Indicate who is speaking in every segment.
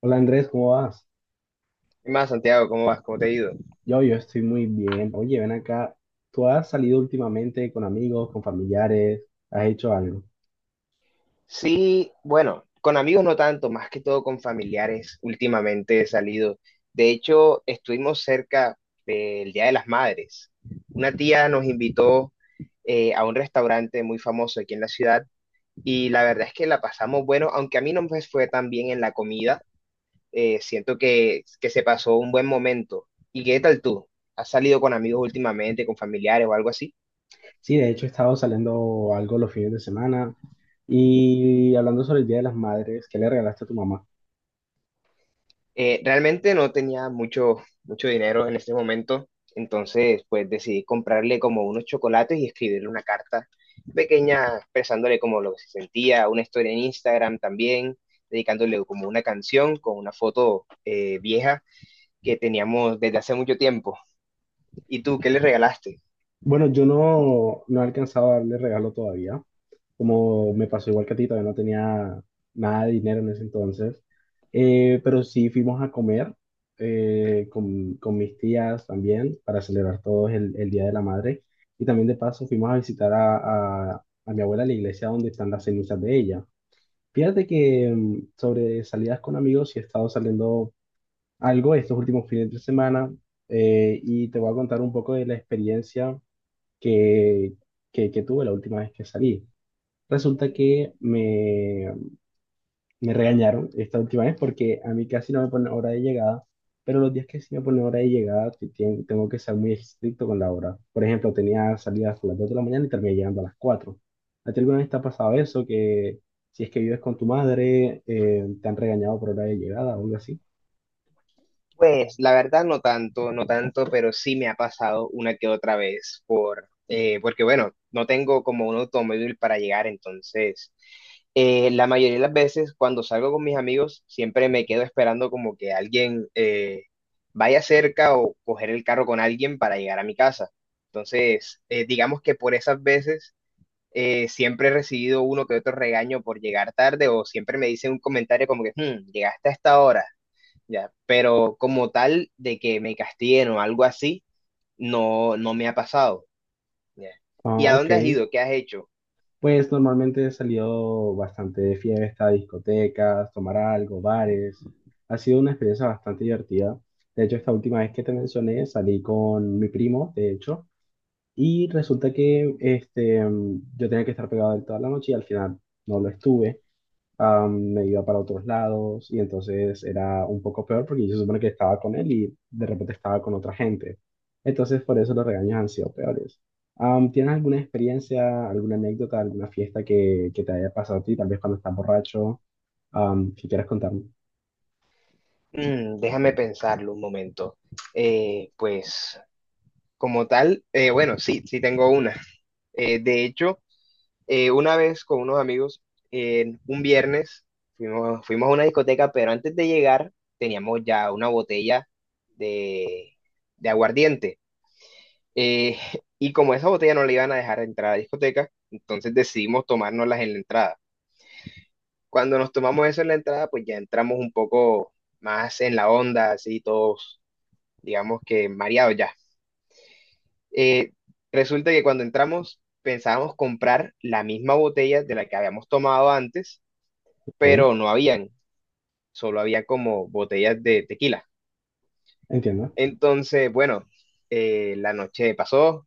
Speaker 1: Hola Andrés, ¿cómo vas?
Speaker 2: ¿Qué más, Santiago? ¿Cómo vas? ¿Cómo te ha ido?
Speaker 1: Yo estoy muy bien. Oye, ven acá. ¿Tú has salido últimamente con amigos, con familiares? ¿Has hecho algo?
Speaker 2: Sí, bueno, con amigos no tanto, más que todo con familiares. Últimamente he salido. De hecho, estuvimos cerca del Día de las Madres. Una tía nos invitó a un restaurante muy famoso aquí en la ciudad y la verdad es que la pasamos bueno, aunque a mí no me fue tan bien en la comida. Siento que se pasó un buen momento. ¿Y qué tal tú? ¿Has salido con amigos últimamente, con familiares o algo así?
Speaker 1: Sí, de hecho he estado saliendo algo los fines de semana y hablando sobre el Día de las Madres, ¿qué le regalaste a tu mamá?
Speaker 2: Realmente no tenía mucho dinero en ese momento, entonces pues decidí comprarle como unos chocolates y escribirle una carta pequeña expresándole como lo que se sentía, una historia en Instagram también, dedicándole como una canción con una foto vieja que teníamos desde hace mucho tiempo. ¿Y tú qué le regalaste?
Speaker 1: Bueno, yo no he alcanzado a darle regalo todavía, como me pasó igual que a ti, todavía no tenía nada de dinero en ese entonces. Pero sí fuimos a comer con mis tías también para celebrar todos el Día de la Madre, y también de paso fuimos a visitar a mi abuela a la iglesia donde están las cenizas de ella. Fíjate que sobre salidas con amigos sí he estado saliendo algo estos últimos fines de semana, y te voy a contar un poco de la experiencia que, que tuve la última vez que salí. Resulta que me regañaron esta última vez porque a mí casi no me pone hora de llegada, pero los días que sí me pone hora de llegada tengo que ser muy estricto con la hora. Por ejemplo, tenía salida a las 2 de la mañana y terminé llegando a las 4. ¿A ti alguna vez te ha pasado eso? Que si es que vives con tu madre, te han regañado por hora de llegada o algo así.
Speaker 2: Pues la verdad no tanto, no tanto, pero sí me ha pasado una que otra vez porque bueno, no tengo como un automóvil para llegar, entonces la mayoría de las veces cuando salgo con mis amigos siempre me quedo esperando como que alguien vaya cerca o coger el carro con alguien para llegar a mi casa. Entonces, digamos que por esas veces siempre he recibido uno que otro regaño por llegar tarde o siempre me dicen un comentario como que, "Hmm, llegaste a esta hora ya", pero como tal de que me castiguen o algo así, no, no me ha pasado, ya.
Speaker 1: Ah,
Speaker 2: ¿Y a
Speaker 1: ok.
Speaker 2: dónde has ido? ¿Qué has hecho?
Speaker 1: Pues normalmente he salido bastante de fiesta, discotecas, tomar algo, bares. Ha sido una experiencia bastante divertida. De hecho, esta última vez que te mencioné, salí con mi primo, de hecho, y resulta que este, yo tenía que estar pegado a él toda la noche y al final no lo estuve. Me iba para otros lados y entonces era un poco peor porque yo se supone que estaba con él y de repente estaba con otra gente. Entonces por eso los regaños han sido peores. ¿Tienes alguna experiencia, alguna anécdota, alguna fiesta que te haya pasado a ti, tal vez cuando estás borracho, que quieras contarme?
Speaker 2: Mm, déjame pensarlo un momento. Pues como tal, bueno, sí, sí tengo una. De hecho, una vez con unos amigos, en un viernes, fuimos a una discoteca, pero antes de llegar teníamos ya una botella de, de aguardiente. Eh, y como esa botella no la iban a dejar entrar a la discoteca, entonces decidimos tomárnoslas en la entrada. Cuando nos tomamos eso en la entrada, pues ya entramos un poco más en la onda, así todos, digamos que mareados ya. Eh, Resulta que cuando entramos pensábamos comprar la misma botella de la que habíamos tomado antes, pero
Speaker 1: Ok,
Speaker 2: no habían, solo había como botellas de tequila.
Speaker 1: entiendo.
Speaker 2: Entonces, bueno, la noche pasó,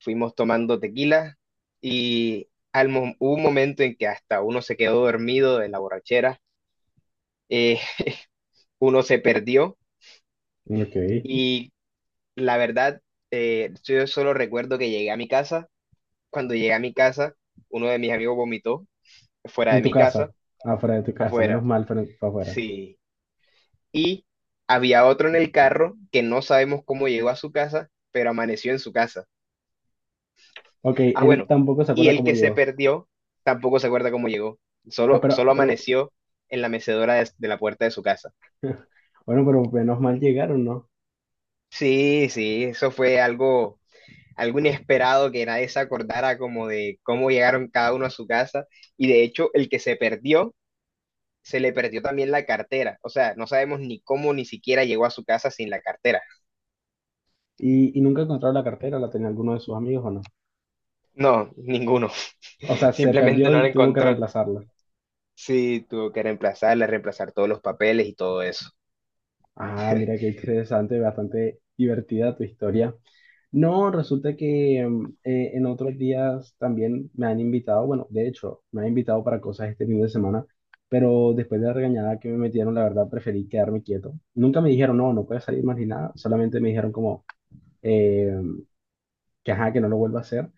Speaker 2: fuimos tomando tequila y hubo un momento en que hasta uno se quedó dormido de la borrachera, eh, uno se perdió
Speaker 1: Ok,
Speaker 2: y la verdad, yo solo recuerdo que llegué a mi casa, cuando llegué a mi casa, uno de mis amigos vomitó fuera
Speaker 1: en
Speaker 2: de
Speaker 1: tu
Speaker 2: mi
Speaker 1: casa,
Speaker 2: casa,
Speaker 1: afuera de tu casa,
Speaker 2: afuera,
Speaker 1: menos
Speaker 2: fue.
Speaker 1: mal, fue afuera.
Speaker 2: Sí, y había otro en el carro que no sabemos cómo llegó a su casa, pero amaneció en su casa.
Speaker 1: Ok,
Speaker 2: Ah,
Speaker 1: él
Speaker 2: bueno,
Speaker 1: tampoco se
Speaker 2: y
Speaker 1: acuerda
Speaker 2: el
Speaker 1: cómo
Speaker 2: que se
Speaker 1: llegó.
Speaker 2: perdió tampoco se acuerda cómo llegó.
Speaker 1: Ah,
Speaker 2: Solo,
Speaker 1: pero,
Speaker 2: solo
Speaker 1: pero,
Speaker 2: amaneció en la mecedora de la puerta de su casa.
Speaker 1: bueno, pero menos mal llegaron, ¿no?
Speaker 2: Sí, sí, eso fue algo, algo inesperado que nadie se acordara como de cómo llegaron cada uno a su casa. Y de hecho, el que se perdió, se le perdió también la cartera. O sea, no sabemos ni cómo ni siquiera llegó a su casa sin la cartera.
Speaker 1: Y nunca encontró la cartera, ¿la tenía alguno de sus amigos o no?
Speaker 2: No, ninguno.
Speaker 1: O sea, se
Speaker 2: Simplemente
Speaker 1: perdió
Speaker 2: no la
Speaker 1: y tuvo que
Speaker 2: encontró.
Speaker 1: reemplazarla.
Speaker 2: Sí, tuvo que reemplazarla, reemplazar todos los papeles y todo eso.
Speaker 1: Ah, mira qué interesante, bastante divertida tu historia. No, resulta que en otros días también me han invitado, bueno, de hecho, me han invitado para cosas este fin de semana, pero después de la regañada que me metieron, la verdad preferí quedarme quieto. Nunca me dijeron, no, no puedes salir más ni nada, solamente me dijeron como eh, que ajá, que no lo vuelva a hacer.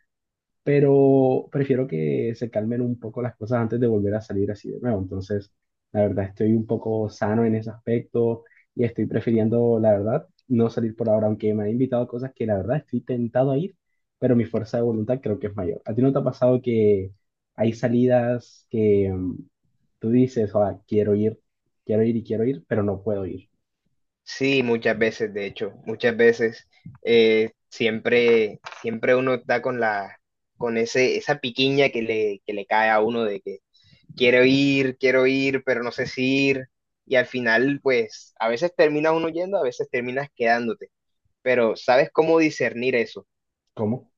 Speaker 1: Pero prefiero que se calmen un poco las cosas antes de volver a salir así de nuevo. Entonces, la verdad, estoy un poco sano en ese aspecto y estoy prefiriendo, la verdad, no salir por ahora, aunque me han invitado a cosas que la verdad estoy tentado a ir, pero mi fuerza de voluntad creo que es mayor. ¿A ti no te ha pasado que hay salidas que tú dices, "Ah, quiero ir y quiero ir, pero no puedo ir"?
Speaker 2: Sí, muchas veces, de hecho, muchas veces siempre, siempre uno está con la, con ese, esa piquiña que que le cae a uno de que quiero ir, pero no sé si ir. Y al final, pues, a veces termina uno yendo, a veces terminas quedándote. Pero ¿sabes cómo discernir eso?
Speaker 1: ¿Cómo?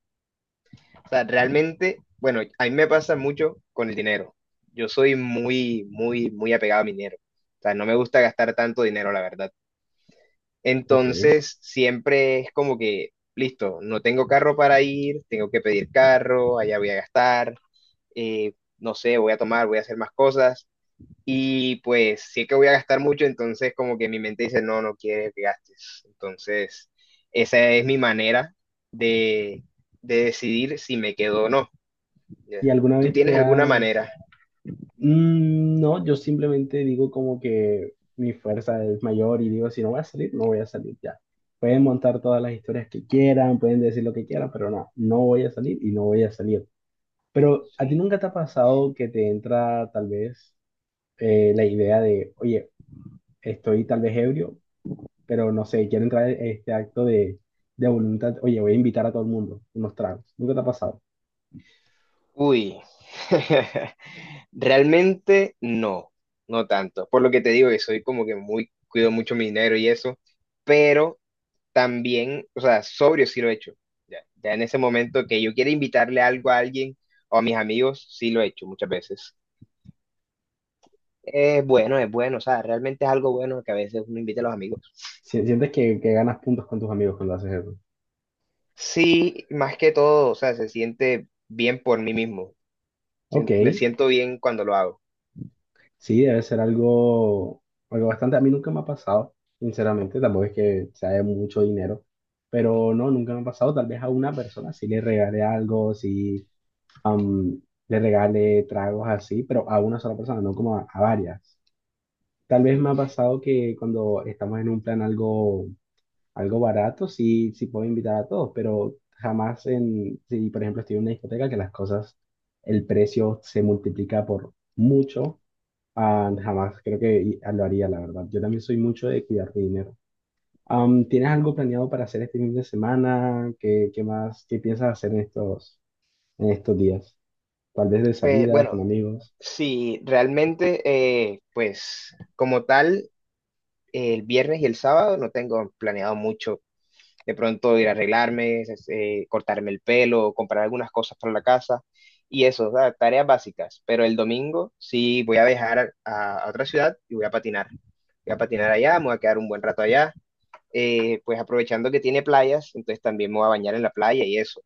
Speaker 2: O sea, realmente, bueno, a mí me pasa mucho con el dinero. Yo soy muy, muy, muy apegado a mi dinero. O sea, no me gusta gastar tanto dinero, la verdad.
Speaker 1: Ok.
Speaker 2: Entonces, siempre es como que, listo, no tengo carro para ir, tengo que pedir carro, allá voy a gastar, no sé, voy a tomar, voy a hacer más cosas. Y pues sí que voy a gastar mucho, entonces como que mi mente dice, no, no quiere que gastes. Entonces, esa es mi manera de, de decidir si me quedo o no. Ya.
Speaker 1: ¿Y alguna
Speaker 2: ¿Tú
Speaker 1: vez
Speaker 2: tienes
Speaker 1: te
Speaker 2: alguna
Speaker 1: has
Speaker 2: manera?
Speaker 1: Mm, no, yo simplemente digo como que mi fuerza es mayor y digo, si no voy a salir, no voy a salir ya. Pueden montar todas las historias que quieran, pueden decir lo que quieran, pero no, no voy a salir y no voy a salir. Pero a ti
Speaker 2: Sí.
Speaker 1: nunca te ha pasado que te entra tal vez la idea de, oye, estoy tal vez ebrio, pero no sé, quiero entrar en este acto de voluntad, oye, voy a invitar a todo el mundo unos tragos. Nunca te ha pasado.
Speaker 2: Uy. Realmente no, no tanto. Por lo que te digo, que soy como que muy, cuido mucho mi dinero y eso, pero también, o sea, sobrio sí lo he hecho. Ya, ya en ese momento que yo quiero invitarle algo a alguien o a mis amigos, sí lo he hecho muchas veces. Es bueno, o sea, realmente es algo bueno que a veces uno invita a los amigos.
Speaker 1: ¿Sientes que ganas puntos con tus amigos cuando haces eso?
Speaker 2: Sí, más que todo, o sea, se siente bien por mí mismo.
Speaker 1: Ok.
Speaker 2: Me siento bien cuando lo hago.
Speaker 1: Sí, debe ser algo, algo bastante. A mí nunca me ha pasado, sinceramente, tampoco es que sea de mucho dinero, pero no, nunca me ha pasado. Tal vez a una persona sí le regale algo, sí, am, le regale tragos así, pero a una sola persona, no como a varias. Tal vez
Speaker 2: Sí.
Speaker 1: me ha pasado que cuando estamos en un plan algo, algo barato, sí, sí puedo invitar a todos, pero jamás en, si por ejemplo estoy en una discoteca que las cosas, el precio se multiplica por mucho. Ah, jamás creo que lo haría, la verdad. Yo también soy mucho de cuidar mi dinero. ¿Tienes algo planeado para hacer este fin de semana? ¿Qué, qué más? ¿Qué piensas hacer en estos días? Tal vez de salida, con
Speaker 2: Bueno,
Speaker 1: amigos.
Speaker 2: sí, realmente, pues como tal. El viernes y el sábado no tengo planeado mucho. De pronto ir a arreglarme, cortarme el pelo, comprar algunas cosas para la casa y eso, o sea, tareas básicas. Pero el domingo sí voy a viajar a, otra ciudad y voy a patinar. Voy a patinar allá, me voy a quedar un buen rato allá. Pues aprovechando que tiene playas, entonces también me voy a bañar en la playa y eso.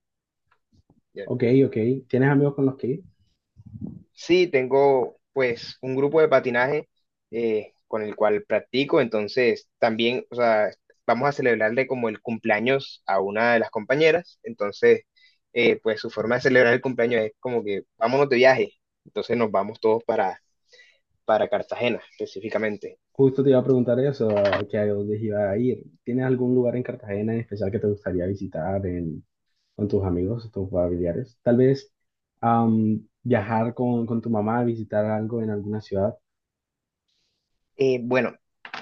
Speaker 1: Ok, ok. ¿Tienes amigos con los que ir?
Speaker 2: Sí, tengo pues un grupo de patinaje con el cual practico, entonces también, o sea, vamos a celebrarle como el cumpleaños a una de las compañeras, entonces pues su forma de celebrar el cumpleaños es como que vámonos de viaje, entonces nos vamos todos para Cartagena específicamente.
Speaker 1: Justo te iba a preguntar eso, a que a dónde iba a ir. ¿Tienes algún lugar en Cartagena en especial que te gustaría visitar con tus amigos, tus familiares? Tal vez viajar con tu mamá, visitar algo en alguna ciudad.
Speaker 2: Bueno,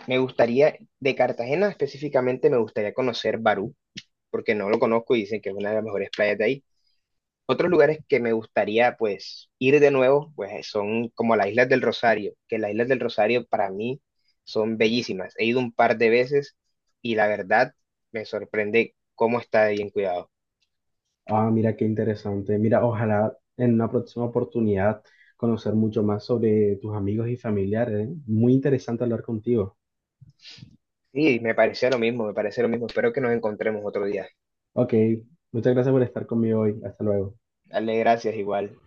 Speaker 2: me gustaría, de Cartagena específicamente me gustaría conocer Barú, porque no lo conozco y dicen que es una de las mejores playas de ahí. Otros lugares que me gustaría pues ir de nuevo, pues son como las Islas del Rosario, que las Islas del Rosario para mí son bellísimas. He ido un par de veces y la verdad me sorprende cómo está de bien cuidado.
Speaker 1: Ah, mira qué interesante. Mira, ojalá en una próxima oportunidad conocer mucho más sobre tus amigos y familiares, ¿eh? Muy interesante hablar contigo.
Speaker 2: Sí, me parece lo mismo, me parece lo mismo. Espero que nos encontremos otro día.
Speaker 1: Ok, muchas gracias por estar conmigo hoy. Hasta luego.
Speaker 2: Dale, gracias igual.